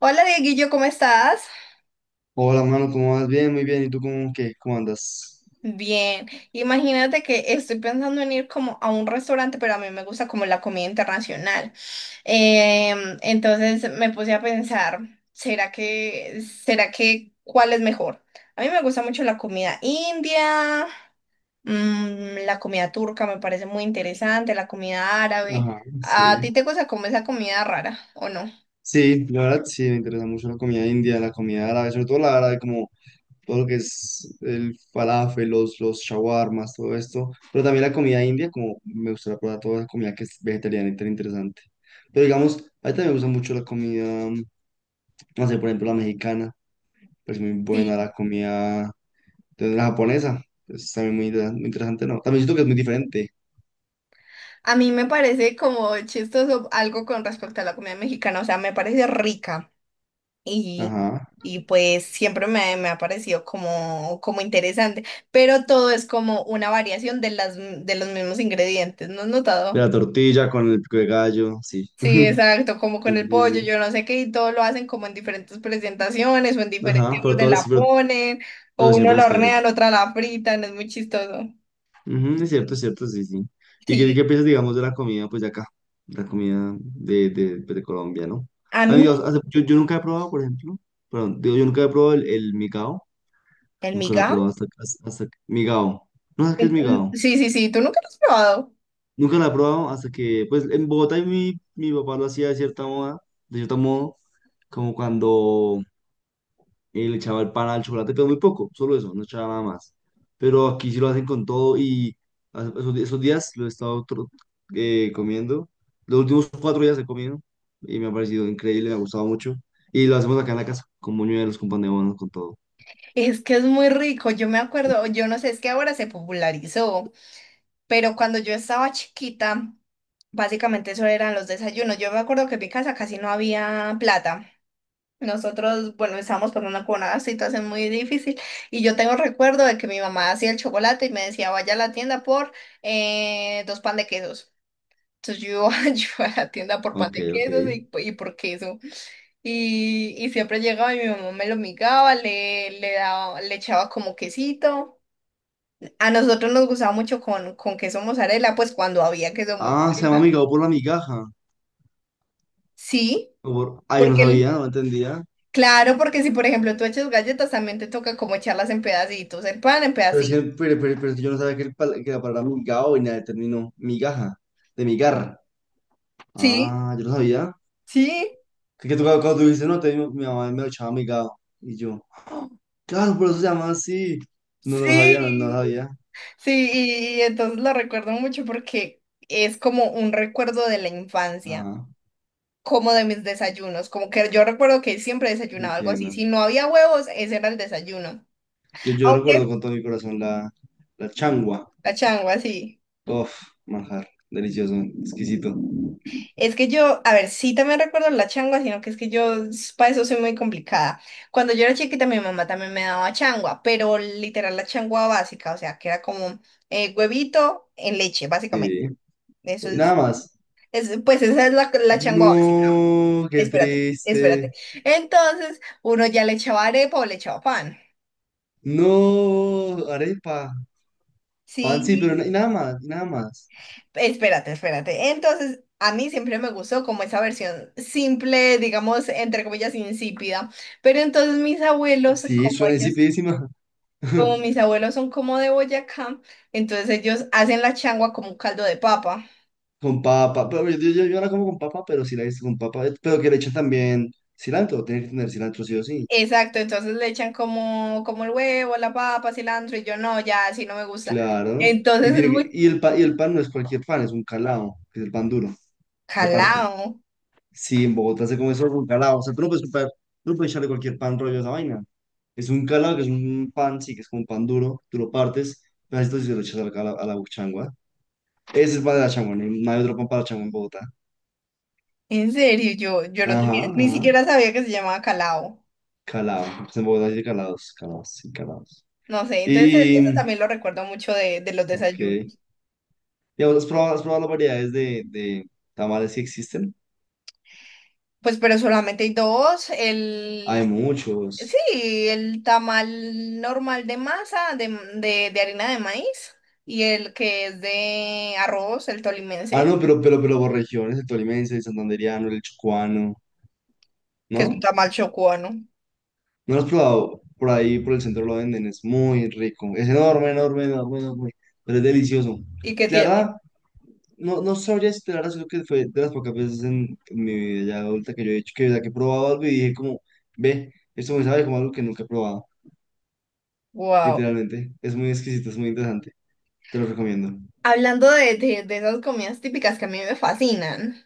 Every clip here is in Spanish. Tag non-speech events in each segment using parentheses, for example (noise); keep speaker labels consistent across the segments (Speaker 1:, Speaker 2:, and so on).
Speaker 1: Hola Dieguillo, ¿cómo estás?
Speaker 2: Hola, mano, ¿cómo vas? Bien, muy bien. ¿Y tú cómo, qué? ¿Cómo andas?
Speaker 1: Bien, imagínate que estoy pensando en ir como a un restaurante, pero a mí me gusta como la comida internacional. Entonces me puse a pensar, ¿será que cuál es mejor? A mí me gusta mucho la comida india, mm, la comida turca me parece muy interesante, la comida árabe.
Speaker 2: Ajá,
Speaker 1: ¿A
Speaker 2: sí.
Speaker 1: ti te gusta como esa comida rara o no?
Speaker 2: Sí, la verdad sí, me interesa mucho la comida india, la comida árabe, sobre todo la árabe, como todo lo que es el falafel, los shawarmas, todo esto. Pero también la comida india, como me gustaría probar toda la comida que es vegetariana y tan interesante. Pero digamos, a mí también me gusta mucho la comida, mm, no sé, por ejemplo, la mexicana, pues muy buena,
Speaker 1: Sí.
Speaker 2: la comida de la japonesa, es también muy, muy interesante, ¿no? También siento que es muy diferente.
Speaker 1: A mí me parece como chistoso algo con respecto a la comida mexicana, o sea, me parece rica y,
Speaker 2: Ajá.
Speaker 1: y pues siempre me ha parecido como, como interesante, pero todo es como una variación de las, de los mismos ingredientes, ¿no has
Speaker 2: De
Speaker 1: notado?
Speaker 2: la tortilla con el pico de gallo, sí.
Speaker 1: Sí,
Speaker 2: (laughs)
Speaker 1: exacto, como con
Speaker 2: Sí,
Speaker 1: el
Speaker 2: sí,
Speaker 1: pollo,
Speaker 2: sí.
Speaker 1: yo no sé qué, y todo lo hacen como en diferentes presentaciones o en
Speaker 2: Ajá,
Speaker 1: diferentes
Speaker 2: pero
Speaker 1: orden
Speaker 2: todo les-
Speaker 1: la
Speaker 2: pero,
Speaker 1: ponen, o
Speaker 2: pero
Speaker 1: uno
Speaker 2: siempre
Speaker 1: la
Speaker 2: les queda rico.
Speaker 1: hornean, otra la fritan, es muy chistoso.
Speaker 2: Ujú, es cierto, sí, sí. ¿Y qué,
Speaker 1: Sí,
Speaker 2: qué piensas, digamos, de la comida, pues, de acá? La comida de, pues, de Colombia, ¿no?
Speaker 1: a mí
Speaker 2: Amigos, yo nunca he probado, por ejemplo, perdón, digo, yo nunca he probado el migao,
Speaker 1: el
Speaker 2: nunca lo he
Speaker 1: migao,
Speaker 2: probado hasta migao. No sabes qué es
Speaker 1: mm,
Speaker 2: migao.
Speaker 1: sí, sí, sí, tú nunca lo has probado.
Speaker 2: Nunca lo he probado hasta que, pues, en Bogotá mi papá lo hacía de cierto modo, como cuando le echaba el pan al chocolate, pero muy poco, solo eso, no echaba nada más. Pero aquí sí lo hacen con todo y esos días lo he estado comiendo. Los últimos 4 días he comido y me ha parecido increíble, me ha gustado mucho. Y lo hacemos acá en la casa, con buñuelos, con pan de bono, con todo.
Speaker 1: Es que es muy rico, yo me acuerdo, yo no sé, es que ahora se popularizó, pero cuando yo estaba chiquita, básicamente eso eran los desayunos. Yo me acuerdo que en mi casa casi no había plata. Nosotros, bueno, estábamos pasando por una con una situación muy difícil y yo tengo recuerdo de que mi mamá hacía el chocolate y me decía, vaya a la tienda por dos pan de quesos. Entonces yo, (laughs) yo iba a la tienda por pan
Speaker 2: Ok,
Speaker 1: de
Speaker 2: ok.
Speaker 1: quesos y por queso. Y siempre llegaba y mi mamá me lo migaba, le daba, le echaba como quesito. A nosotros nos gustaba mucho con queso mozzarella, pues cuando había queso
Speaker 2: Ah, se llama
Speaker 1: mozzarella.
Speaker 2: migao por la migaja.
Speaker 1: Sí,
Speaker 2: Ah, yo no
Speaker 1: porque
Speaker 2: sabía,
Speaker 1: el-
Speaker 2: no entendía.
Speaker 1: claro, porque si por ejemplo tú echas galletas, también te toca como echarlas en pedacitos, el pan en
Speaker 2: Pero es que,
Speaker 1: pedacitos.
Speaker 2: pero, pero- pero es que yo no sabía que, que la palabra migao venía del término migaja, de migar.
Speaker 1: Sí,
Speaker 2: Ah, yo no sabía.
Speaker 1: sí,
Speaker 2: Que tú, cuando tú dices, no, te, mi mamá me lo echaba amigado. Y yo, claro, por eso se llama así. No, no sabía, no, no lo
Speaker 1: sí.
Speaker 2: sabía.
Speaker 1: Sí, y entonces lo recuerdo mucho porque es como un recuerdo de la infancia.
Speaker 2: Ajá,
Speaker 1: Como de mis desayunos, como que yo recuerdo que siempre desayunaba algo así,
Speaker 2: entiendo.
Speaker 1: si no había huevos, ese era el desayuno,
Speaker 2: Yo recuerdo
Speaker 1: aunque
Speaker 2: con todo mi corazón la changua.
Speaker 1: la changua, sí.
Speaker 2: Uf, manjar, delicioso, exquisito.
Speaker 1: Es que yo, a ver, sí también recuerdo la changua, sino que es que para eso soy muy complicada. Cuando yo era chiquita, mi mamá también me daba changua, pero literal la changua básica, o sea, que era como huevito en leche, básicamente.
Speaker 2: Sí,
Speaker 1: Eso
Speaker 2: y
Speaker 1: es,
Speaker 2: nada más.
Speaker 1: pues esa es la, la changua básica.
Speaker 2: No, qué
Speaker 1: Espérate, espérate.
Speaker 2: triste.
Speaker 1: Entonces, uno ya le echaba arepa o le echaba pan.
Speaker 2: No, arepa. Pan sí, pero
Speaker 1: Sí,
Speaker 2: y nada más, y nada más.
Speaker 1: espérate, espérate. Entonces, a mí siempre me gustó como esa versión simple, digamos, entre comillas, insípida. Pero entonces mis abuelos,
Speaker 2: Sí,
Speaker 1: como
Speaker 2: suena
Speaker 1: ellos,
Speaker 2: insipidísima.
Speaker 1: como mis
Speaker 2: (laughs)
Speaker 1: abuelos son como de Boyacá, entonces ellos hacen la changua como un caldo de papa.
Speaker 2: Con papa, pero yo ahora como con papa, pero sí la he con papa, pero que le echan también cilantro, tiene que tener cilantro sí o sí,
Speaker 1: Exacto, entonces le echan como, como el huevo, la papa, cilantro, y yo no, ya así no me gusta.
Speaker 2: claro. ¿no? Y,
Speaker 1: Entonces es
Speaker 2: tiene que-
Speaker 1: muy
Speaker 2: y, el, pa- y el pan no es cualquier pan, es un calao, que es el pan duro, que se parte.
Speaker 1: calao.
Speaker 2: Sí, en Bogotá se come solo con calao, o sea, tú no puedes echarle cualquier pan rollo a esa vaina. Es un calao, que es un pan, sí, que es como un pan duro, tú lo partes, pero esto sí se lo echas a la changua. Ese es el pan de la changua, no hay otro pan para la changua en Bogotá.
Speaker 1: En serio, yo no
Speaker 2: Ajá,
Speaker 1: tenía, ni
Speaker 2: ajá,
Speaker 1: siquiera sabía que se llamaba calao.
Speaker 2: calao, pues en Bogotá sí hay calados, calados, sí, calados.
Speaker 1: No sé, entonces eso
Speaker 2: Y,
Speaker 1: también lo recuerdo mucho de los desayunos.
Speaker 2: ok. Digamos, ¿has probado las variedades de tamales que existen?
Speaker 1: Pues, pero solamente hay dos.
Speaker 2: Hay
Speaker 1: El, sí,
Speaker 2: muchos.
Speaker 1: el tamal normal de masa, de harina de maíz, y el que es de arroz, el
Speaker 2: Ah,
Speaker 1: tolimense,
Speaker 2: no, pero por regiones, el tolimense, el santandereano, el chocuano,
Speaker 1: que es un
Speaker 2: ¿no?
Speaker 1: tamal chocuano.
Speaker 2: No lo has probado. Por ahí, por el centro lo venden, es muy rico. Es enorme, enorme, enorme, enorme, pero es delicioso.
Speaker 1: ¿Y qué
Speaker 2: La verdad,
Speaker 1: tiene?
Speaker 2: no, no sabría esperar, creo que fue de las pocas veces en mi vida ya adulta que yo he hecho, que he probado algo y dije como, ve, esto me sabe como algo que nunca he probado,
Speaker 1: Wow.
Speaker 2: literalmente. Es muy exquisito, es muy interesante. Te lo recomiendo.
Speaker 1: Hablando de esas comidas típicas que a mí me fascinan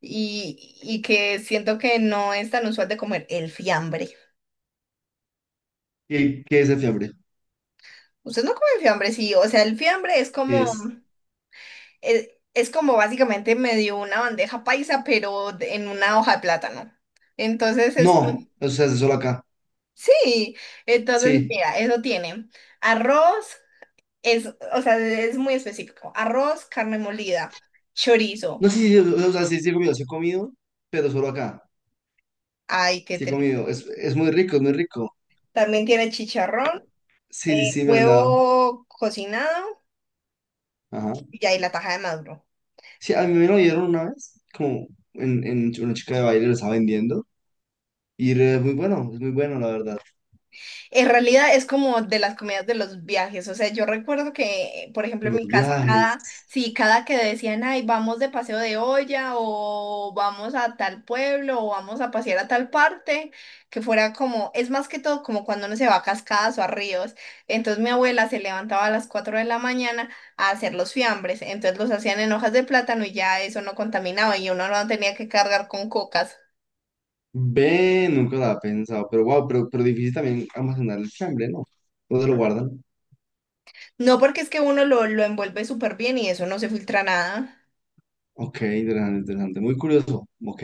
Speaker 1: y que siento que no es tan usual de comer, el fiambre.
Speaker 2: ¿Qué es el fiambre?
Speaker 1: ¿Usted no come fiambre? Sí, o sea, el fiambre
Speaker 2: ¿Qué es?
Speaker 1: Es como básicamente me dio una bandeja paisa, en una hoja de plátano. Entonces es como,
Speaker 2: No,
Speaker 1: mm.
Speaker 2: eso se hace solo acá.
Speaker 1: Sí, entonces
Speaker 2: Sí.
Speaker 1: mira, eso tiene arroz, es, o sea, es muy específico. Arroz, carne molida,
Speaker 2: No,
Speaker 1: chorizo.
Speaker 2: sí, sí, o sea, sí, sí he comido, pero solo acá.
Speaker 1: Ay, qué
Speaker 2: Sí he
Speaker 1: triste.
Speaker 2: comido. Es muy rico, es muy rico.
Speaker 1: También tiene chicharrón,
Speaker 2: Sí, sí, sí, me han dado.
Speaker 1: huevo cocinado
Speaker 2: Ajá.
Speaker 1: y ahí la taja de maduro.
Speaker 2: Sí, a mí me lo dieron una vez, como en una chica de baile lo estaba vendiendo. Y es muy bueno, la verdad.
Speaker 1: En realidad es como de las comidas de los viajes, o sea, yo recuerdo que, por ejemplo, en
Speaker 2: Los
Speaker 1: mi casa, cada,
Speaker 2: viajes.
Speaker 1: sí, cada que decían, ay, vamos de paseo de olla o vamos a tal pueblo o vamos a pasear a tal parte, que fuera como, es más que todo como cuando uno se va a cascadas o a ríos, entonces mi abuela se levantaba a las 4 de la mañana a hacer los fiambres, entonces los hacían en hojas de plátano y ya eso no contaminaba y uno no tenía que cargar con cocas,
Speaker 2: Ve, nunca lo había pensado. Pero wow, pero difícil también almacenar el fiambre, ¿no? ¿Dónde lo guardan?
Speaker 1: no porque es que uno lo envuelve súper bien y eso no se filtra nada.
Speaker 2: Ok, interesante, interesante. Muy curioso. Ok.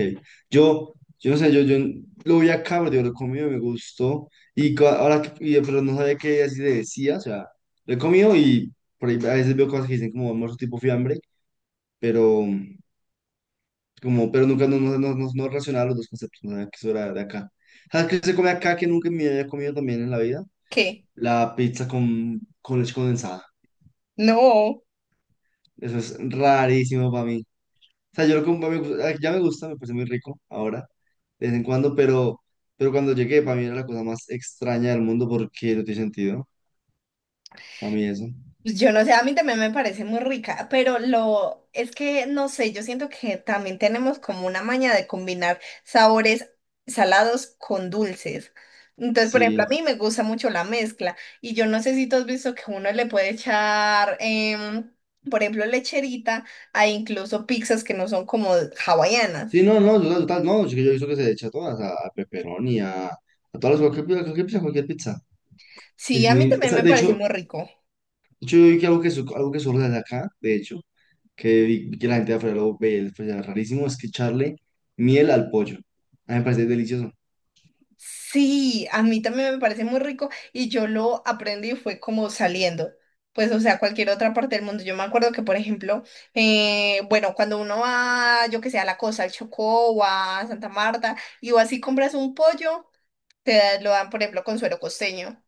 Speaker 2: Yo, yo no sé, yo lo vi acá, pero yo lo comí, me gustó. Ahora, pero no sabía que así le decía, o sea, lo he comido y por ahí a veces veo cosas que dicen como almuerzo tipo fiambre, pero pero nunca no relacionaba los dos conceptos, no sabía que eso era de acá. ¿Sabes qué se come acá que nunca me había comido también en la vida?
Speaker 1: ¿Qué?
Speaker 2: La pizza con leche condensada.
Speaker 1: No,
Speaker 2: Eso es rarísimo para mí. O sea, yo lo como, ya me gusta, me parece muy rico ahora, de vez en cuando, pero cuando llegué, para mí era la cosa más extraña del mundo porque no tiene sentido, para mí eso.
Speaker 1: pues yo no sé, a mí también me parece muy rica, pero lo es que no sé, yo siento que también tenemos como una maña de combinar sabores salados con dulces. Entonces, por ejemplo, a
Speaker 2: Sí,
Speaker 1: mí me gusta mucho la mezcla y yo no sé si tú has visto que uno le puede echar, por ejemplo, lecherita a incluso pizzas que no son como hawaianas.
Speaker 2: sí, no, no, total, total, no, yo he visto que se echa a todas, a pepperoni, a todas las, cualquier pizza, cualquier pizza.
Speaker 1: Sí,
Speaker 2: Es
Speaker 1: a mí
Speaker 2: muy, o
Speaker 1: también
Speaker 2: sea,
Speaker 1: me
Speaker 2: de
Speaker 1: parece
Speaker 2: hecho,
Speaker 1: muy rico.
Speaker 2: yo vi que algo que surge de acá, de hecho, que vi que la gente de afuera lo ve, pues, era rarísimo, es que echarle miel al pollo. A mí me parece delicioso.
Speaker 1: Sí, a mí también me parece muy rico y yo lo aprendí fue como saliendo, pues o sea, cualquier otra parte del mundo. Yo me acuerdo que, por ejemplo, bueno, cuando uno va, yo que sé, a La costa al Chocó o a Santa Marta y o así compras un pollo, lo dan, por ejemplo, con suero costeño.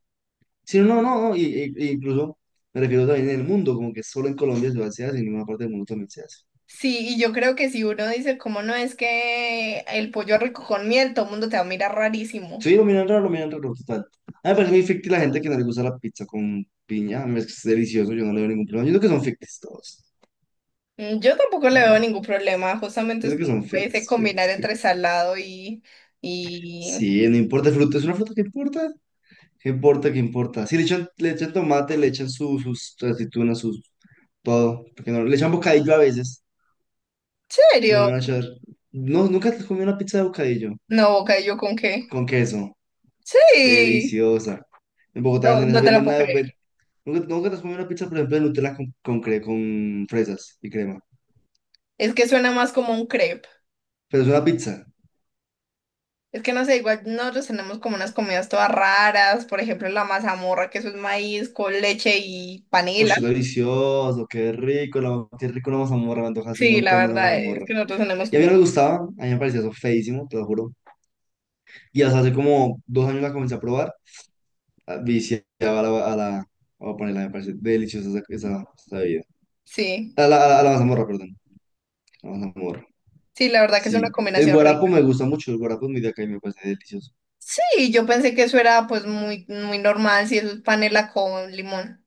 Speaker 2: Sí, no, no, no, e incluso me refiero también en el mundo, como que solo en Colombia se hace, en ninguna parte del mundo también se hace.
Speaker 1: Sí, y yo creo que si uno dice, ¿cómo no es que el pollo rico con miel, todo el mundo te va a mirar rarísimo?
Speaker 2: Sí, lo miran raro, total. A mí me parece muy ficti la gente que no le gusta la pizza con piña, a mí es delicioso, yo no le veo ningún problema. Yo creo que son fictis todos.
Speaker 1: Mm, yo tampoco le veo
Speaker 2: Mm.
Speaker 1: ningún problema, justamente
Speaker 2: Yo
Speaker 1: es
Speaker 2: creo que
Speaker 1: como
Speaker 2: son
Speaker 1: ese
Speaker 2: fictis,
Speaker 1: combinar
Speaker 2: fictis,
Speaker 1: entre
Speaker 2: fictis.
Speaker 1: salado y... Y,
Speaker 2: Sí, no importa el fruto, es una fruta que importa. ¿Qué importa, qué importa? Sí, le echan tomate, le echan sus aceitunas, sus todo. Porque no, le echan bocadillo a veces, porque no le
Speaker 1: ¿serio?
Speaker 2: van a echar. No, nunca te comí una pizza de bocadillo
Speaker 1: No, boca, ¿y yo con qué?
Speaker 2: con queso.
Speaker 1: Sí.
Speaker 2: Deliciosa. En Bogotá
Speaker 1: No,
Speaker 2: venden esa,
Speaker 1: no te la
Speaker 2: venden
Speaker 1: puedo
Speaker 2: una...
Speaker 1: creer.
Speaker 2: ven- Nunca te has comido una pizza, por ejemplo, de Nutella con fresas y crema.
Speaker 1: Es que suena más como un crepe.
Speaker 2: Pero es una pizza.
Speaker 1: Es que no sé, igual nosotros tenemos como unas comidas todas raras, por ejemplo, la mazamorra, que eso es maíz con leche y
Speaker 2: ¡Uy,
Speaker 1: panela.
Speaker 2: delicioso! ¡Qué rico! Qué rico la mazamorra. Me antoja hace un
Speaker 1: Sí, la
Speaker 2: montón de una
Speaker 1: verdad es
Speaker 2: mazamorra.
Speaker 1: que nosotros tenemos
Speaker 2: Y a mí no
Speaker 1: comida.
Speaker 2: me gustaba. A mí me parecía eso feísimo, te lo juro. Y hasta hace como 2 años la comencé a probar. Viciaba a la. A la voy a ponerla, me parece deliciosa esa bebida.
Speaker 1: Sí,
Speaker 2: A la mazamorra, perdón. La mazamorra.
Speaker 1: sí, la verdad que es una
Speaker 2: Sí. El
Speaker 1: combinación
Speaker 2: guarapo
Speaker 1: rica.
Speaker 2: me gusta mucho. El guarapo es muy de acá y me parece delicioso.
Speaker 1: Sí, yo pensé que eso era pues muy, muy normal, si eso es panela con limón.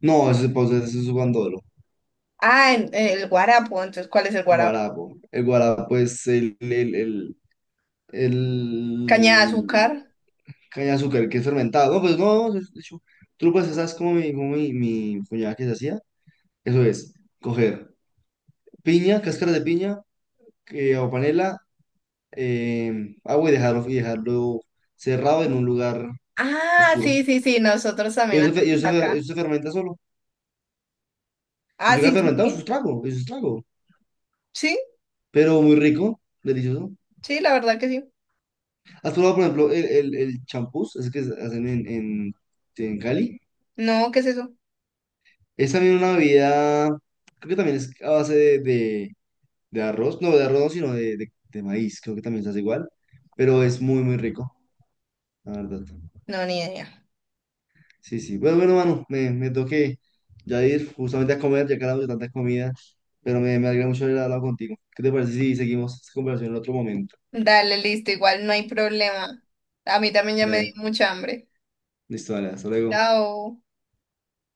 Speaker 2: No, ese pues, ese es guandolo,
Speaker 1: El guarapo, entonces, ¿cuál es el guarapo?
Speaker 2: guarapo. El guarapo es el, el, el,
Speaker 1: Caña de
Speaker 2: el
Speaker 1: azúcar.
Speaker 2: caña de azúcar que es fermentado. No, pues no, de hecho, tú pues sabes como mi cuñada que se hacía. Eso es, coger piña, cáscara de piña o panela, agua y dejarlo cerrado en un lugar
Speaker 1: Ah,
Speaker 2: oscuro.
Speaker 1: sí, sí, sí, nosotros también hacemos acá.
Speaker 2: Eso se fermenta solo. Y
Speaker 1: Ah,
Speaker 2: eso queda
Speaker 1: sí, sí,
Speaker 2: fermentado, eso es un
Speaker 1: sí.
Speaker 2: trago, eso es un trago.
Speaker 1: Sí,
Speaker 2: Pero muy rico, delicioso.
Speaker 1: sí, la verdad que sí.
Speaker 2: ¿Has probado, por ejemplo, el champús, ese que hacen en Cali?
Speaker 1: No, ¿qué es eso?
Speaker 2: Es también una bebida, creo que también es a base de arroz, no de arroz, no, sino de maíz, creo que también se hace igual, pero es muy, muy rico, la verdad.
Speaker 1: No, ni idea.
Speaker 2: Sí, sí. Bueno, bueno, mano, me tengo que ya ir justamente a comer, ya que hablamos de tanta comida, pero me alegra mucho haber hablado contigo. ¿Qué te parece si seguimos esta conversación en otro momento?
Speaker 1: Dale, listo, igual no hay problema. A mí también ya me dio
Speaker 2: Dale,
Speaker 1: mucha hambre.
Speaker 2: listo, dale, hasta luego.
Speaker 1: Chao.